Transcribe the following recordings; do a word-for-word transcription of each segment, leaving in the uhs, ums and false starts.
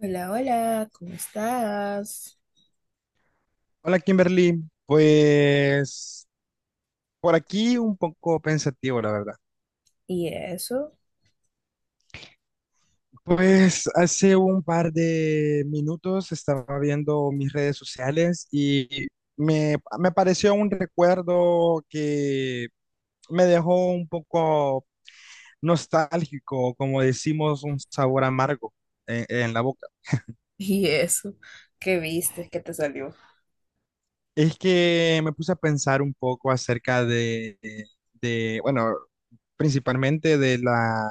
Hola, hola, ¿cómo estás? Hola Kimberly, pues por aquí un poco pensativo, la verdad. ¿Y eso? Pues hace un par de minutos estaba viendo mis redes sociales y me, me apareció un recuerdo que me dejó un poco nostálgico, como decimos, un sabor amargo en en la boca. ¿Y eso? ¿Qué viste? ¿Qué te salió? Es que me puse a pensar un poco acerca de, de, bueno, principalmente de la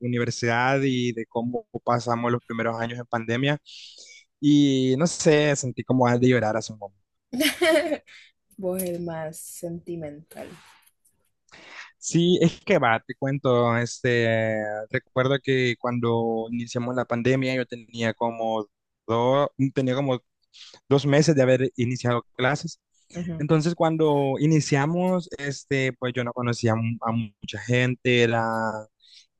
universidad y de cómo pasamos los primeros años en pandemia. Y no sé, sentí como ganas de llorar hace un momento. Vos el más sentimental. Sí, es que va, te cuento, este, recuerdo que cuando iniciamos la pandemia yo tenía como dos, tenía como dos meses de haber iniciado clases. Ujú, Entonces, cuando iniciamos, este, pues yo no conocía a, mu- a mucha gente, era,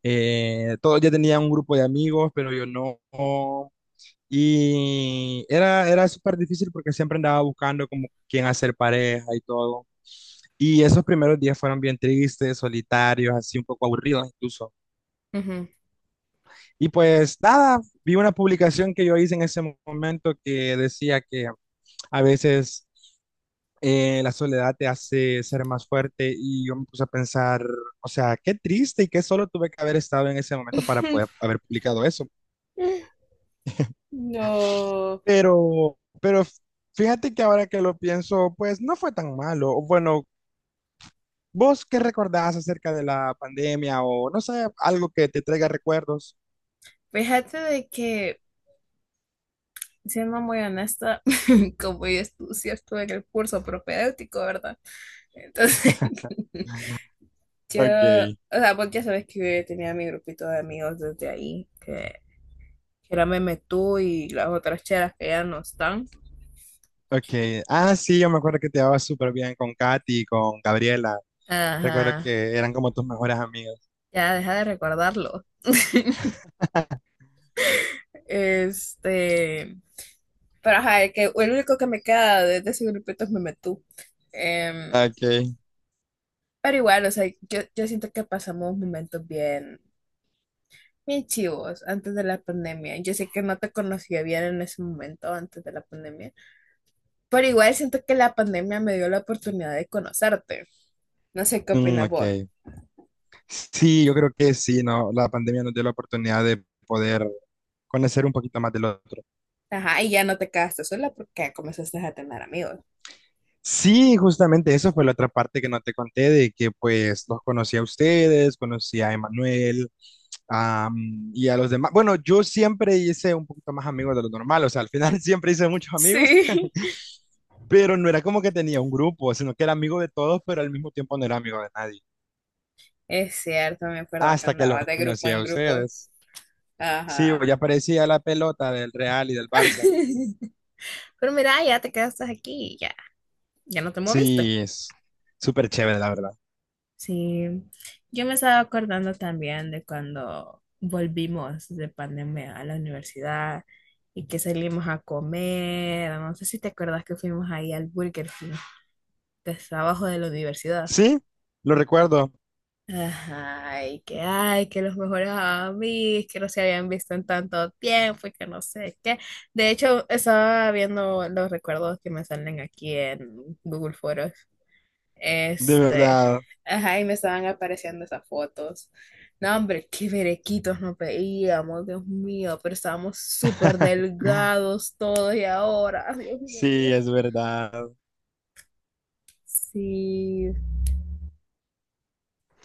eh, todos ya tenían un grupo de amigos, pero yo no. Y era, era súper difícil porque siempre andaba buscando como quién hacer pareja y todo. Y esos primeros días fueron bien tristes, solitarios, así un poco aburridos incluso. ujú. Y pues nada, vi una publicación que yo hice en ese mo- momento que decía que a veces eh, la soledad te hace ser más fuerte y yo me puse a pensar, o sea, qué triste y qué solo tuve que haber estado en ese momento para poder haber publicado eso. No, Pero, pero fíjate que ahora que lo pienso, pues no fue tan malo. O bueno, ¿vos qué recordás acerca de la pandemia o no sé, algo que te traiga recuerdos? fíjate de que, siendo muy honesta, como yo estu- sí estuve en el curso propedéutico, ¿verdad? Entonces, yo, Ok, o sea, vos ya sabes que yo ya tenía mi grupito de amigos desde ahí, que, que era Meme Tú y las otras cheras que ya no están. ok. Ah, sí, yo me acuerdo que te llevabas súper bien con Katy, con Gabriela. Recuerdo Ajá, que eran como tus mejores amigas. ya deja de recordarlo. Este, pero ajá, el que el único que me queda de, de ese grupito es Memetú. Em, Ok, pero igual, o sea, yo, yo siento que pasamos momentos bien, bien chivos antes de la pandemia. Yo sé que no te conocía bien en ese momento antes de la pandemia, pero igual siento que la pandemia me dio la oportunidad de conocerte. No sé qué mm, opinas ok. vos. Sí, yo creo que sí, ¿no? La pandemia nos dio la oportunidad de poder conocer un poquito más del otro. Ajá, y ya no te quedaste sola porque comenzaste a tener amigos. Sí, justamente eso fue la otra parte que no te conté, de que pues los conocí a ustedes, conocí a Emanuel, am, y a los demás. Bueno, yo siempre hice un poquito más amigos de lo normal, o sea, al final siempre hice muchos amigos. Sí, Pero no era como que tenía un grupo, sino que era amigo de todos, pero al mismo tiempo no era amigo de nadie. es cierto, me acuerdo que Hasta que los andaba de grupo conocí a en grupo. ustedes. Sí, Ajá. ya parecía la pelota del Real y del Barça. Pero mira, ya te quedaste aquí, ya, ya no te moviste. Sí, es súper chévere, la verdad. Sí, yo me estaba acordando también de cuando volvimos de pandemia a la universidad y que salimos a comer. No sé si te acuerdas que fuimos ahí al Burger King, que está abajo de la universidad. Sí, lo recuerdo, Ay que ay, que los mejores amigos, que no se habían visto en tanto tiempo y que no sé qué. De hecho, estaba viendo los recuerdos que me salen aquí en Google Fotos. de Este, verdad. ajá, y me estaban apareciendo esas fotos. No, hombre, qué berequitos nos veíamos, Dios mío, pero estábamos súper delgados todos y ahora, Dios Sí, mío. es verdad. Sí,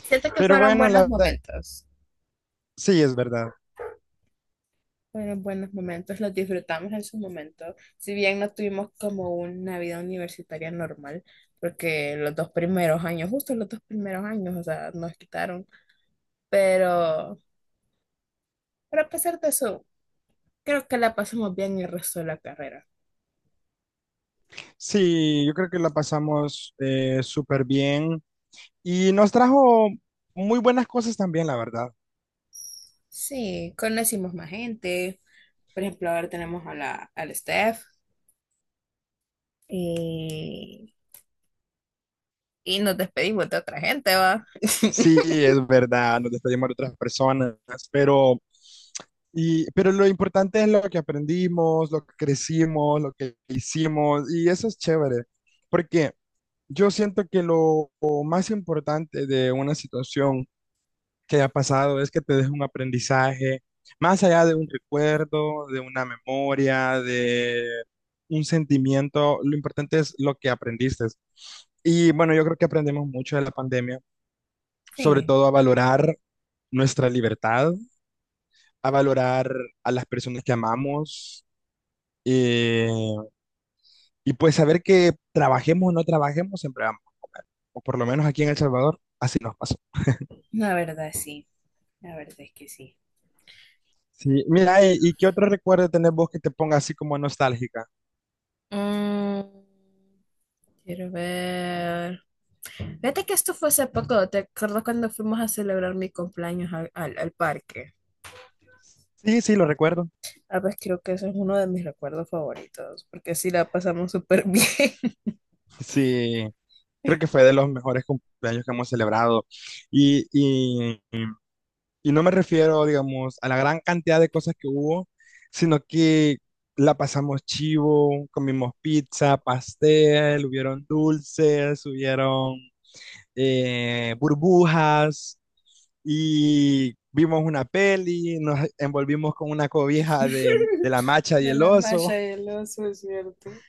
siento que Pero fueron bueno, buenos la verdad, momentos. sí, es verdad. Fueron buenos momentos, los disfrutamos en su momento, si bien no tuvimos como una vida universitaria normal, porque los dos primeros años, justo los dos primeros años, o sea, nos quitaron, pero, pero a pesar de eso, creo que la pasamos bien el resto de la carrera. Sí, yo creo que la pasamos eh, súper bien y nos trajo muy buenas cosas también, la verdad. Sí, conocimos más gente, por ejemplo, ahora tenemos a la, al Steph y, y nos despedimos de otra gente, ¿va? Sí, es verdad, nos despedimos de otras personas, pero, y, pero lo importante es lo que aprendimos, lo que crecimos, lo que hicimos, y eso es chévere, porque yo siento que lo más importante de una situación que haya pasado es que te deje un aprendizaje, más allá de un recuerdo, de una memoria, de un sentimiento, lo importante es lo que aprendiste. Y bueno, yo creo que aprendimos mucho de la pandemia, sobre Sí, todo a valorar nuestra libertad, a valorar a las personas que amamos eh, y pues saber que trabajemos o no trabajemos, siempre amamos, o por lo menos aquí en El Salvador, así nos pasó. la verdad sí, la verdad es que sí. Sí, mira, ¿y, y qué otro recuerdo tenés vos que te ponga así como nostálgica? Mm. Quiero ver. Fíjate que esto fue hace poco. ¿Te acuerdas cuando fuimos a celebrar mi cumpleaños al, al- al parque? Sí, sí, lo recuerdo. Ah, pues creo que eso es uno de mis recuerdos favoritos, porque sí la pasamos súper bien. Sí, creo que fue de los mejores cumpleaños que hemos celebrado. Y, y Y no me refiero, digamos, a la gran cantidad de cosas que hubo, sino que la pasamos chivo, comimos pizza, pastel, hubieron dulces, hubieron eh, burbujas y vimos una peli, nos envolvimos con una cobija de, de la macha y De el la oso. malla y el oso, es cierto.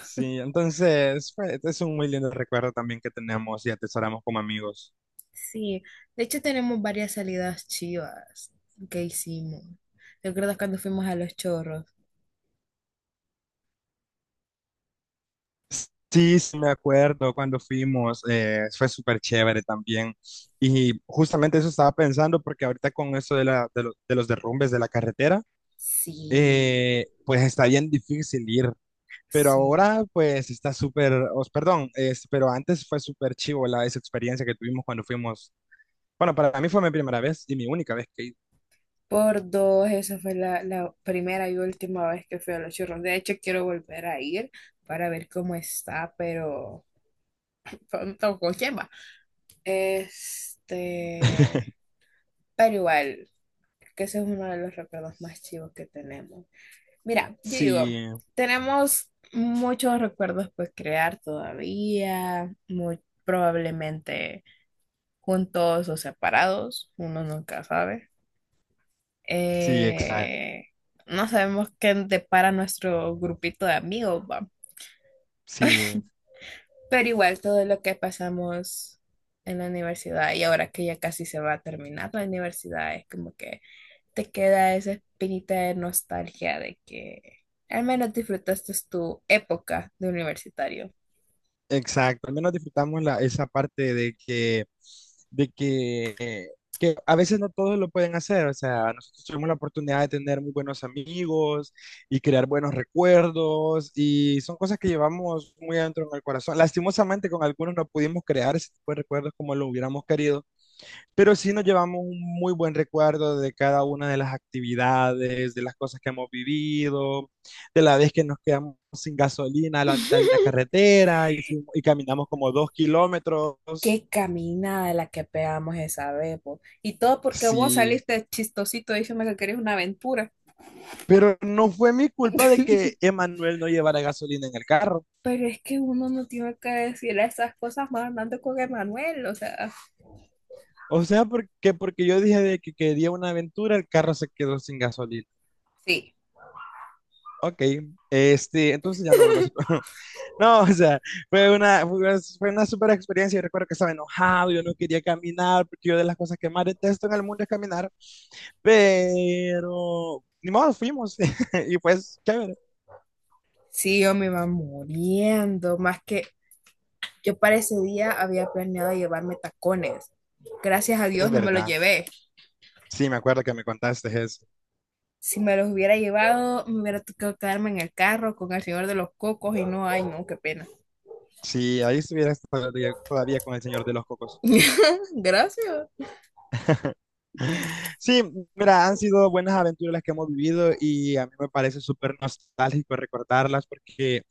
Sí, entonces fue- es un muy lindo recuerdo también que tenemos y atesoramos como amigos. Sí, de hecho tenemos varias salidas chivas que hicimos. ¿Te acuerdas cuando fuimos a Los Chorros? Sí, sí, me acuerdo cuando fuimos, eh, fue súper chévere también. Y justamente eso estaba pensando, porque ahorita con eso de, la, de, lo- de los derrumbes de la carretera, Sí. eh, pues está bien difícil ir. Pero Sí, ahora, pues está súper, os- perdón, es- pero antes fue súper chivo la, esa experiencia que tuvimos cuando fuimos. Bueno, para mí fue mi primera vez y mi única vez que he ido. por dos. Esa fue la, la primera y última vez que fui a los churros. De hecho, quiero volver a ir para ver cómo está, pero pero no con quién va. Este, pero igual, que ese es uno de los recuerdos más chivos que tenemos. Mira, yo digo, Sí, tenemos muchos recuerdos por crear todavía, muy probablemente juntos o separados, uno nunca sabe. sí, exacto. eh, no sabemos qué depara nuestro grupito de amigos, va. Sí. Pero igual todo lo que pasamos en la universidad y ahora que ya casi se va a terminar la universidad, es como que te queda esa espinita de nostalgia de que al menos disfrutaste tu época de universitario. Exacto, al menos disfrutamos la, esa parte de que, de que, que a veces no todos lo pueden hacer, o sea, nosotros tuvimos la oportunidad de tener muy buenos amigos y crear buenos recuerdos y son cosas que llevamos muy adentro en el corazón. Lastimosamente con algunos no pudimos crear ese tipo de recuerdos como lo hubiéramos querido, pero sí nos llevamos un muy buen recuerdo de cada una de las actividades, de las cosas que hemos vivido, de la vez que nos quedamos sin gasolina a la mitad de una carretera y, fuimos- y caminamos como dos kilómetros. Qué caminada la que pegamos esa vez, po. Y todo porque vos Sí, saliste chistosito diciendo que querías una aventura. pero no fue mi culpa de que Emanuel no llevara gasolina en el carro. Pero es que uno no tiene que decirle esas cosas más andando con Emanuel, o sea. O sea, porque, porque yo dije de que quería una aventura, el carro se quedó sin gasolina. Sí, Ok, este, entonces ya no vuelvo a decir. No, o sea, fue una, fue una fue una super experiencia. Yo recuerdo que estaba enojado, yo no quería caminar, porque yo de las cosas que más detesto en el mundo es caminar, pero ni modo, fuimos. Y pues, chévere. sí, yo me iba muriendo, más que yo para ese día había planeado llevarme tacones. Gracias a Es Dios no me los verdad. llevé. Sí, me acuerdo que me contaste eso. Si me los hubiera llevado, me hubiera tocado quedarme en el carro con el señor de los cocos y no, ay, no, qué pena. Sí, ahí estuviera todavía, todavía con el señor de los cocos. Gracias. Sí, mira, han sido buenas aventuras las que hemos vivido y a mí me parece súper nostálgico recordarlas porque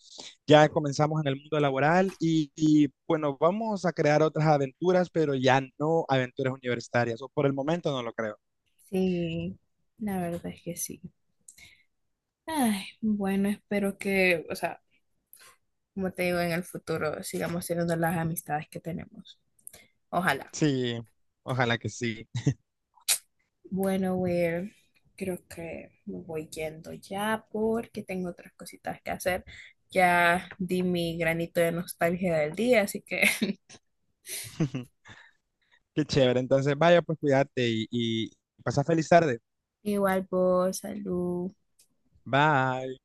ya comenzamos en el mundo laboral y, y, bueno, vamos a crear otras aventuras, pero ya no aventuras universitarias, o por el momento no lo creo. Sí, la verdad es que sí. Ay, bueno, espero que, o sea, como te digo, en el futuro sigamos teniendo las amistades que tenemos. Ojalá. Sí, ojalá que sí. Bueno, Will, creo que me voy yendo ya porque tengo otras cositas que hacer. Ya di mi granito de nostalgia del día, así que Qué chévere, entonces vaya, pues cuídate y, y pasa feliz tarde. igual vos, salud. Bye.